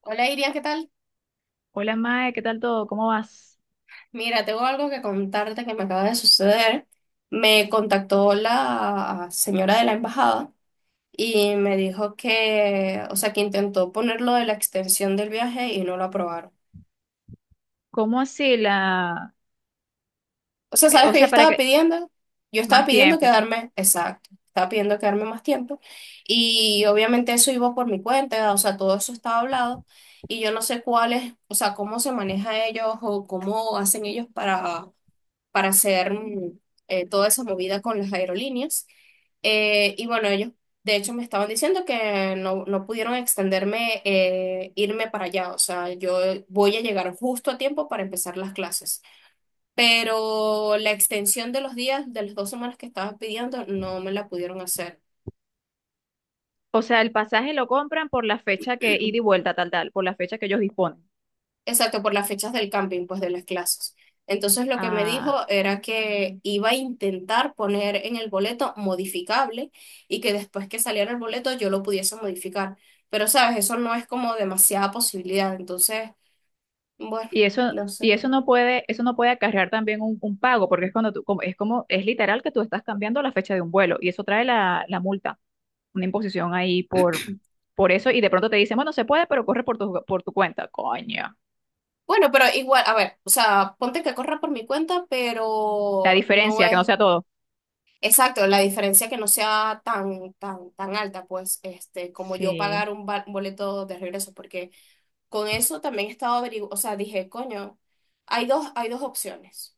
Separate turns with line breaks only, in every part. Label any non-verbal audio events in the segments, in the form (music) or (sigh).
Hola Iria, ¿qué tal?
Hola Mae, ¿qué tal todo? ¿Cómo vas?
Mira, tengo algo que contarte que me acaba de suceder. Me contactó la señora de la embajada y me dijo que, o sea, que intentó ponerlo de la extensión del viaje y no lo aprobaron.
¿Cómo así
O sea, ¿sabes
O
qué yo
sea, para
estaba
que.
pidiendo? Yo estaba
Más
pidiendo
tiempo.
quedarme, exacto, estaba pidiendo quedarme más tiempo y obviamente eso iba por mi cuenta, o sea, todo eso estaba hablado y yo no sé cuál es, o sea, cómo se maneja ellos o cómo hacen ellos para hacer toda esa movida con las aerolíneas. Y bueno, ellos de hecho me estaban diciendo que no, no pudieron extenderme, irme para allá. O sea, yo voy a llegar justo a tiempo para empezar las clases. Pero la extensión de los días, de las dos semanas que estaba pidiendo, no me la pudieron hacer.
O sea, el pasaje lo compran por la fecha que ida y vuelta, tal, tal, por la fecha que ellos disponen.
Exacto, por las fechas del camping, pues de las clases. Entonces lo que me dijo
Ah,
era que iba a intentar poner en el boleto modificable y que después que saliera el boleto yo lo pudiese modificar. Pero sabes, eso no es como demasiada posibilidad. Entonces, bueno,
y eso,
no sé.
y eso no puede acarrear también un pago, porque es cuando tú, como, es literal que tú estás cambiando la fecha de un vuelo, y eso trae la multa, una imposición ahí por eso, y de pronto te dicen, bueno, se puede, pero corre por tu cuenta. Coño.
Bueno, pero igual, a ver, o sea, ponte que corra por mi cuenta,
La
pero no
diferencia, que no
es
sea todo.
exacto la diferencia que no sea tan, tan, tan alta, pues, este, como yo
Sí,
pagar un boleto de regreso, porque con eso también he estado averiguando, o sea, dije, coño, hay dos opciones,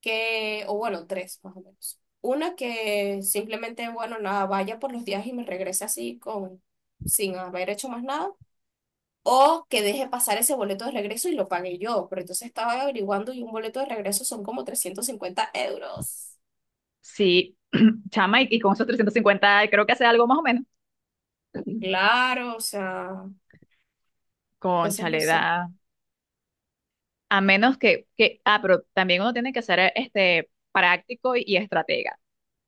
que, o bueno, tres más o menos. Una que simplemente, bueno, nada, vaya por los días y me regrese así con, sin haber hecho más nada, o que deje pasar ese boleto de regreso y lo pague yo, pero entonces estaba averiguando y un boleto de regreso son como 350 euros.
sí. Chama, y con esos 350 creo que hace algo más o menos.
Claro, o sea, entonces no
Cónchale,
sé.
da. A menos que, ah, pero también uno tiene que ser este, práctico y estratega.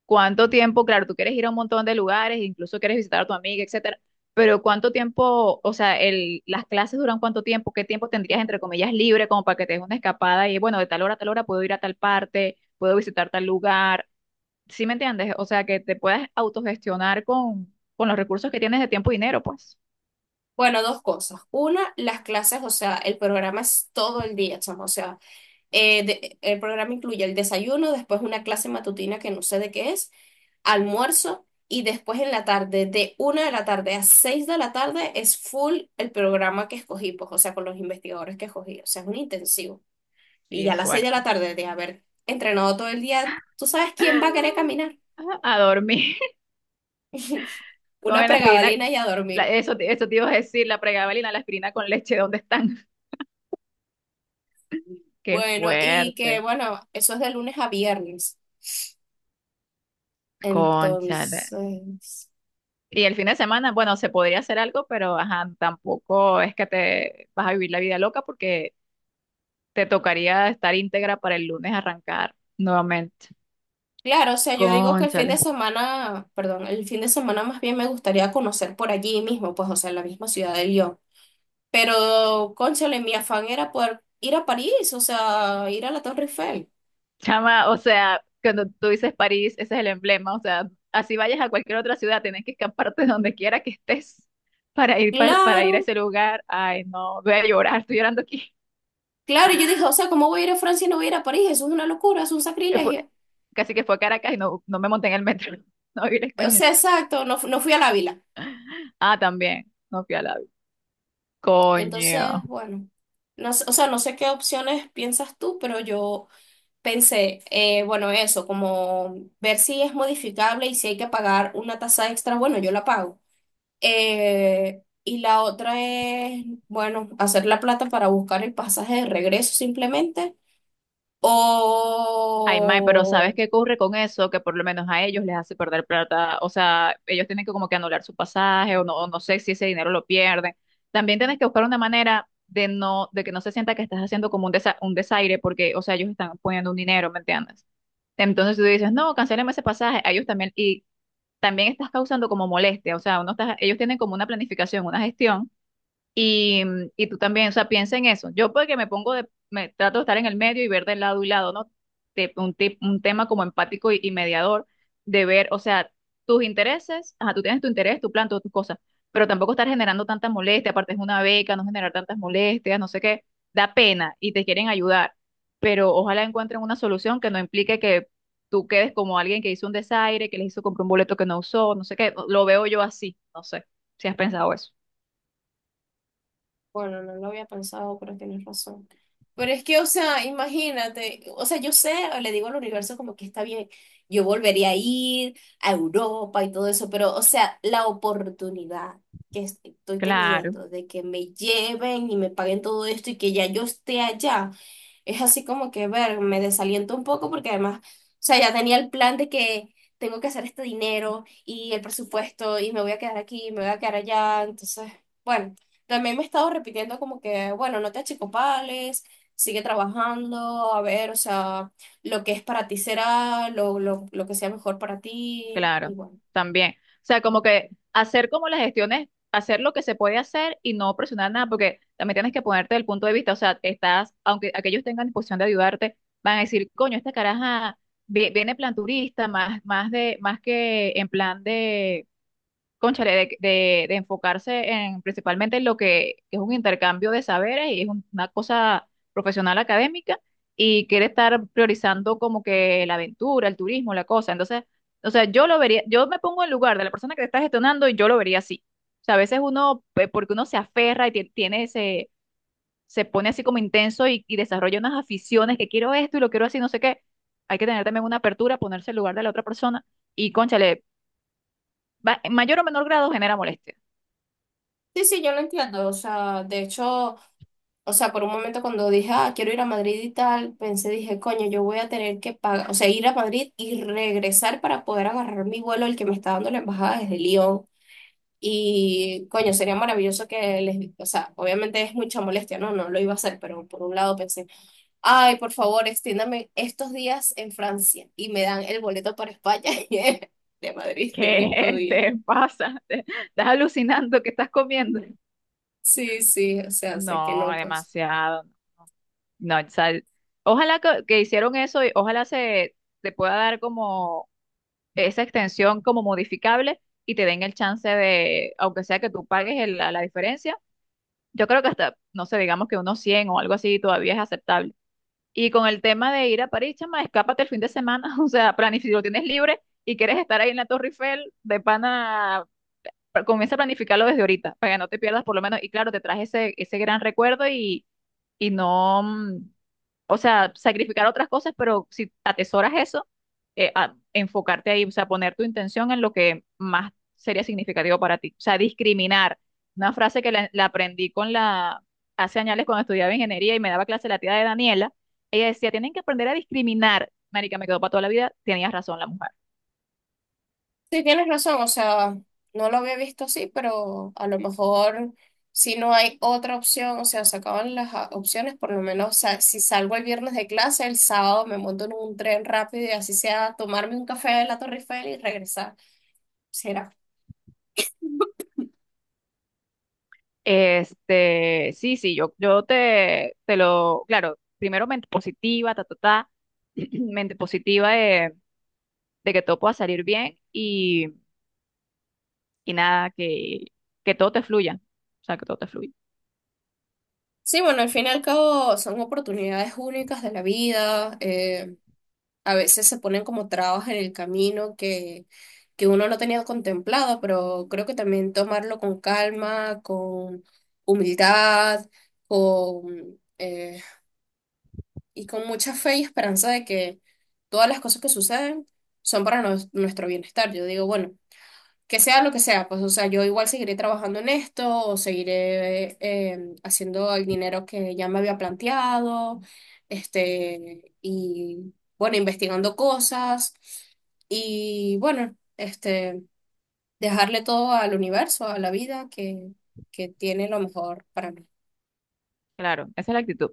¿Cuánto tiempo? Claro, tú quieres ir a un montón de lugares, incluso quieres visitar a tu amiga, etcétera, pero ¿cuánto tiempo, o sea, las clases duran cuánto tiempo? ¿Qué tiempo tendrías, entre comillas, libre como para que te des una escapada y, bueno, de tal hora a tal hora puedo ir a tal parte, puedo visitar tal lugar? ¿Sí me entiendes? O sea, que te puedas autogestionar con los recursos que tienes de tiempo y dinero, pues.
Bueno, dos cosas. Una, las clases, o sea, el programa es todo el día, chamo, o sea. El programa incluye el desayuno, después una clase matutina que no sé de qué es, almuerzo y después en la tarde, de una de la tarde a seis de la tarde, es full el programa que escogí, pues, o sea, con los investigadores que escogí, o sea, es un intensivo. Y
Sí,
ya a
es
las seis de la
fuerte.
tarde de haber entrenado todo el día, ¿tú sabes quién va a querer caminar?
Ajá, a dormir.
(laughs)
(laughs)
Una
Comen la aspirina.
pregabalina y a dormir.
Eso, eso te iba a decir, la pregabalina, la aspirina con leche, ¿dónde están? (laughs) Qué
Bueno, y que
fuerte.
bueno, eso es de lunes a viernes.
Cónchale.
Entonces…
Y el fin de semana, bueno, se podría hacer algo, pero ajá, tampoco es que te vas a vivir la vida loca porque te tocaría estar íntegra para el lunes arrancar nuevamente.
Claro, o sea, yo digo que el fin de
Cónchale.
semana, perdón, el fin de semana más bien me gustaría conocer por allí mismo, pues, o sea, en la misma ciudad de Lyon. Pero, cónchale, mi afán era poder ir a París, o sea, ir a la Torre Eiffel.
Chama, o sea, cuando tú dices París, ese es el emblema, o sea, así vayas a cualquier otra ciudad, tienes que escaparte (laughs) de donde quiera que estés para ir para ir a
Claro,
ese lugar. Ay, no, voy a llorar, estoy llorando aquí.
claro, y yo dije, o sea, ¿cómo voy a ir a Francia y no voy a ir a París? Eso es una locura, es un
Eh, Fue,
sacrilegio.
Casi que fue a Caracas y no me monté en el metro, (laughs) no vi la
O
experiencia.
sea, exacto, no, no fui a la Ávila.
Ah, también, no fui a la. Coño.
Entonces, bueno, no, o sea, no sé qué opciones piensas tú, pero yo pensé, bueno, eso, como ver si es modificable y si hay que pagar una tasa extra, bueno, yo la pago. Y la otra es, bueno, hacer la plata para buscar el pasaje de regreso simplemente.
Ay, mae, pero ¿sabes
O
qué ocurre con eso? Que por lo menos a ellos les hace perder plata. O sea, ellos tienen que como que anular su pasaje o no sé si ese dinero lo pierden. También tienes que buscar una manera de no, de que no se sienta que estás haciendo como un desaire porque, o sea, ellos están poniendo un dinero, ¿me entiendes? Entonces si tú dices, no, cancéleme ese pasaje. A ellos también, y también estás causando como molestia. O sea, uno está, ellos tienen como una planificación, una gestión y tú también, o sea, piensa en eso. Yo porque me pongo de, me trato de estar en el medio y ver del lado y lado, ¿no? Un, un tema como empático y mediador, de ver, o sea, tus intereses, ajá, tú tienes tu interés, tu plan, todas tus cosas, pero tampoco estar generando tantas molestias, aparte es una beca, no generar tantas molestias, no sé qué, da pena y te quieren ayudar, pero ojalá encuentren una solución que no implique que tú quedes como alguien que hizo un desaire, que les hizo comprar un boleto que no usó, no sé qué, lo veo yo así, no sé si has pensado eso.
bueno, no lo había pensado, pero tienes razón. Pero es que, o sea, imagínate, o sea, yo sé, le digo al universo como que está bien, yo volvería a ir a Europa y todo eso, pero, o sea, la oportunidad que estoy
Claro.
teniendo de que me lleven y me paguen todo esto y que ya yo esté allá, es así como que, ver, me desaliento un poco porque además, o sea, ya tenía el plan de que tengo que hacer este dinero y el presupuesto y me voy a quedar aquí, me voy a quedar allá, entonces, bueno. También me he estado repitiendo como que, bueno, no te achicopales, sigue trabajando, a ver, o sea, lo que es para ti será, lo que sea mejor para ti, y
Claro,
bueno.
también. O sea, como que hacer como las gestiones, hacer lo que se puede hacer y no presionar nada, porque también tienes que ponerte del punto de vista, o sea, estás, aunque aquellos tengan disposición de ayudarte, van a decir, coño, esta caraja viene plan turista, más, más de, más que en plan de cónchale, de enfocarse en principalmente en lo que es un intercambio de saberes y es una cosa profesional académica y quiere estar priorizando como que la aventura, el turismo, la cosa. Entonces, o sea, yo lo vería, yo me pongo en lugar de la persona que está gestionando y yo lo vería así. O sea, a veces uno, porque uno se aferra y tiene ese, se pone así como intenso y desarrolla unas aficiones que quiero esto y lo quiero así, no sé qué. Hay que tener también una apertura, ponerse en lugar de la otra persona y, cónchale, en mayor o menor grado genera molestia.
Sí, sí, yo lo entiendo, o sea, de hecho, o sea, por un momento cuando dije, ah, quiero ir a Madrid y tal, pensé, dije, coño, yo voy a tener que pagar, o sea, ir a Madrid y regresar para poder agarrar mi vuelo, el que me está dando la embajada desde Lyon. Y coño, sería maravilloso que les, o sea, obviamente es mucha molestia, no, no lo iba a hacer, pero por un lado pensé, ay, por favor, extiéndame estos días en Francia y me dan el boleto para España (laughs) y el de Madrid en estos
¿Qué
días.
te pasa? (laughs) ¿Estás alucinando? ¿Qué estás comiendo?
Sí, sí, o sea, sé que
No,
no, pues.
demasiado. No, o sea, ojalá que hicieron eso y ojalá se te pueda dar como esa extensión como modificable y te den el chance de, aunque sea que tú pagues la diferencia, yo creo que hasta, no sé, digamos que unos 100 o algo así todavía es aceptable. Y con el tema de ir a París, chama, escápate el fin de semana, (laughs) o sea, planifica, lo tienes libre y quieres estar ahí en la Torre Eiffel, de pana comienza a planificarlo desde ahorita, para que no te pierdas por lo menos. Y claro, te traje ese gran recuerdo y no, o sea, sacrificar otras cosas, pero si atesoras eso, enfocarte ahí, o sea, poner tu intención en lo que más sería significativo para ti. O sea, discriminar. Una frase que la aprendí hace años cuando estudiaba ingeniería y me daba clase la tía de Daniela, ella decía, tienen que aprender a discriminar. Marica, me quedó para toda la vida, tenías razón la mujer.
Sí, tienes razón, o sea, no lo había visto así, pero a lo mejor si no hay otra opción, o sea, se acaban las opciones, por lo menos, o sea, si salgo el viernes de clase, el sábado me monto en un tren rápido y así sea tomarme un café de la Torre Eiffel y regresar. Será.
Este, sí, sí, yo te lo, claro, primero mente positiva, ta, ta, ta, (clears throat) mente positiva de que todo pueda salir bien y nada, que todo te fluya, o sea, que todo te fluya,
Sí, bueno, al fin y al cabo son oportunidades únicas de la vida. A veces se ponen como trabas en el camino que uno no tenía contemplado, pero creo que también tomarlo con calma, con humildad, con, eh, y con mucha fe y esperanza de que todas las cosas que suceden son para nuestro bienestar. Yo digo, bueno, que sea lo que sea, pues, o sea, yo igual seguiré trabajando en esto o seguiré haciendo el dinero que ya me había planteado, este, y bueno, investigando cosas y bueno, este, dejarle todo al universo, a la vida que tiene lo mejor para mí.
claro, esa es la actitud,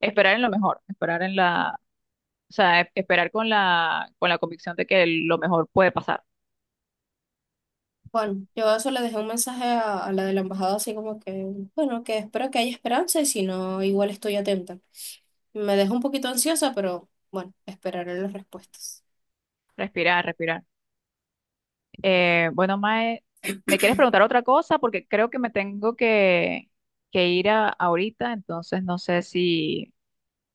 esperar en lo mejor, esperar en la, o sea, esperar con la convicción de que lo mejor puede pasar,
Bueno, yo eso le dejé un mensaje a la de la embajada, así como que, bueno, que espero que haya esperanza y si no, igual estoy atenta. Me dejó un poquito ansiosa, pero bueno, esperaré las respuestas.
respirar, respirar. Bueno, Mae, ¿me quieres preguntar otra cosa? Porque creo que me tengo que ir ahorita, entonces no sé si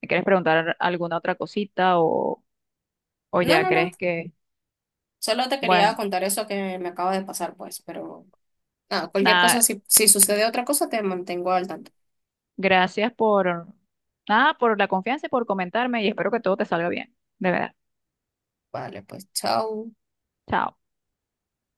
me quieres preguntar alguna otra cosita o
No,
ya
no, no,
crees que,
solo te quería
bueno,
contar eso que me acaba de pasar, pues, pero nada, cualquier cosa,
nada,
si, si sucede otra cosa, te mantengo al tanto.
gracias por, nada, por la confianza y por comentarme y espero que todo te salga bien, de verdad.
Vale, pues, chao.
Chao.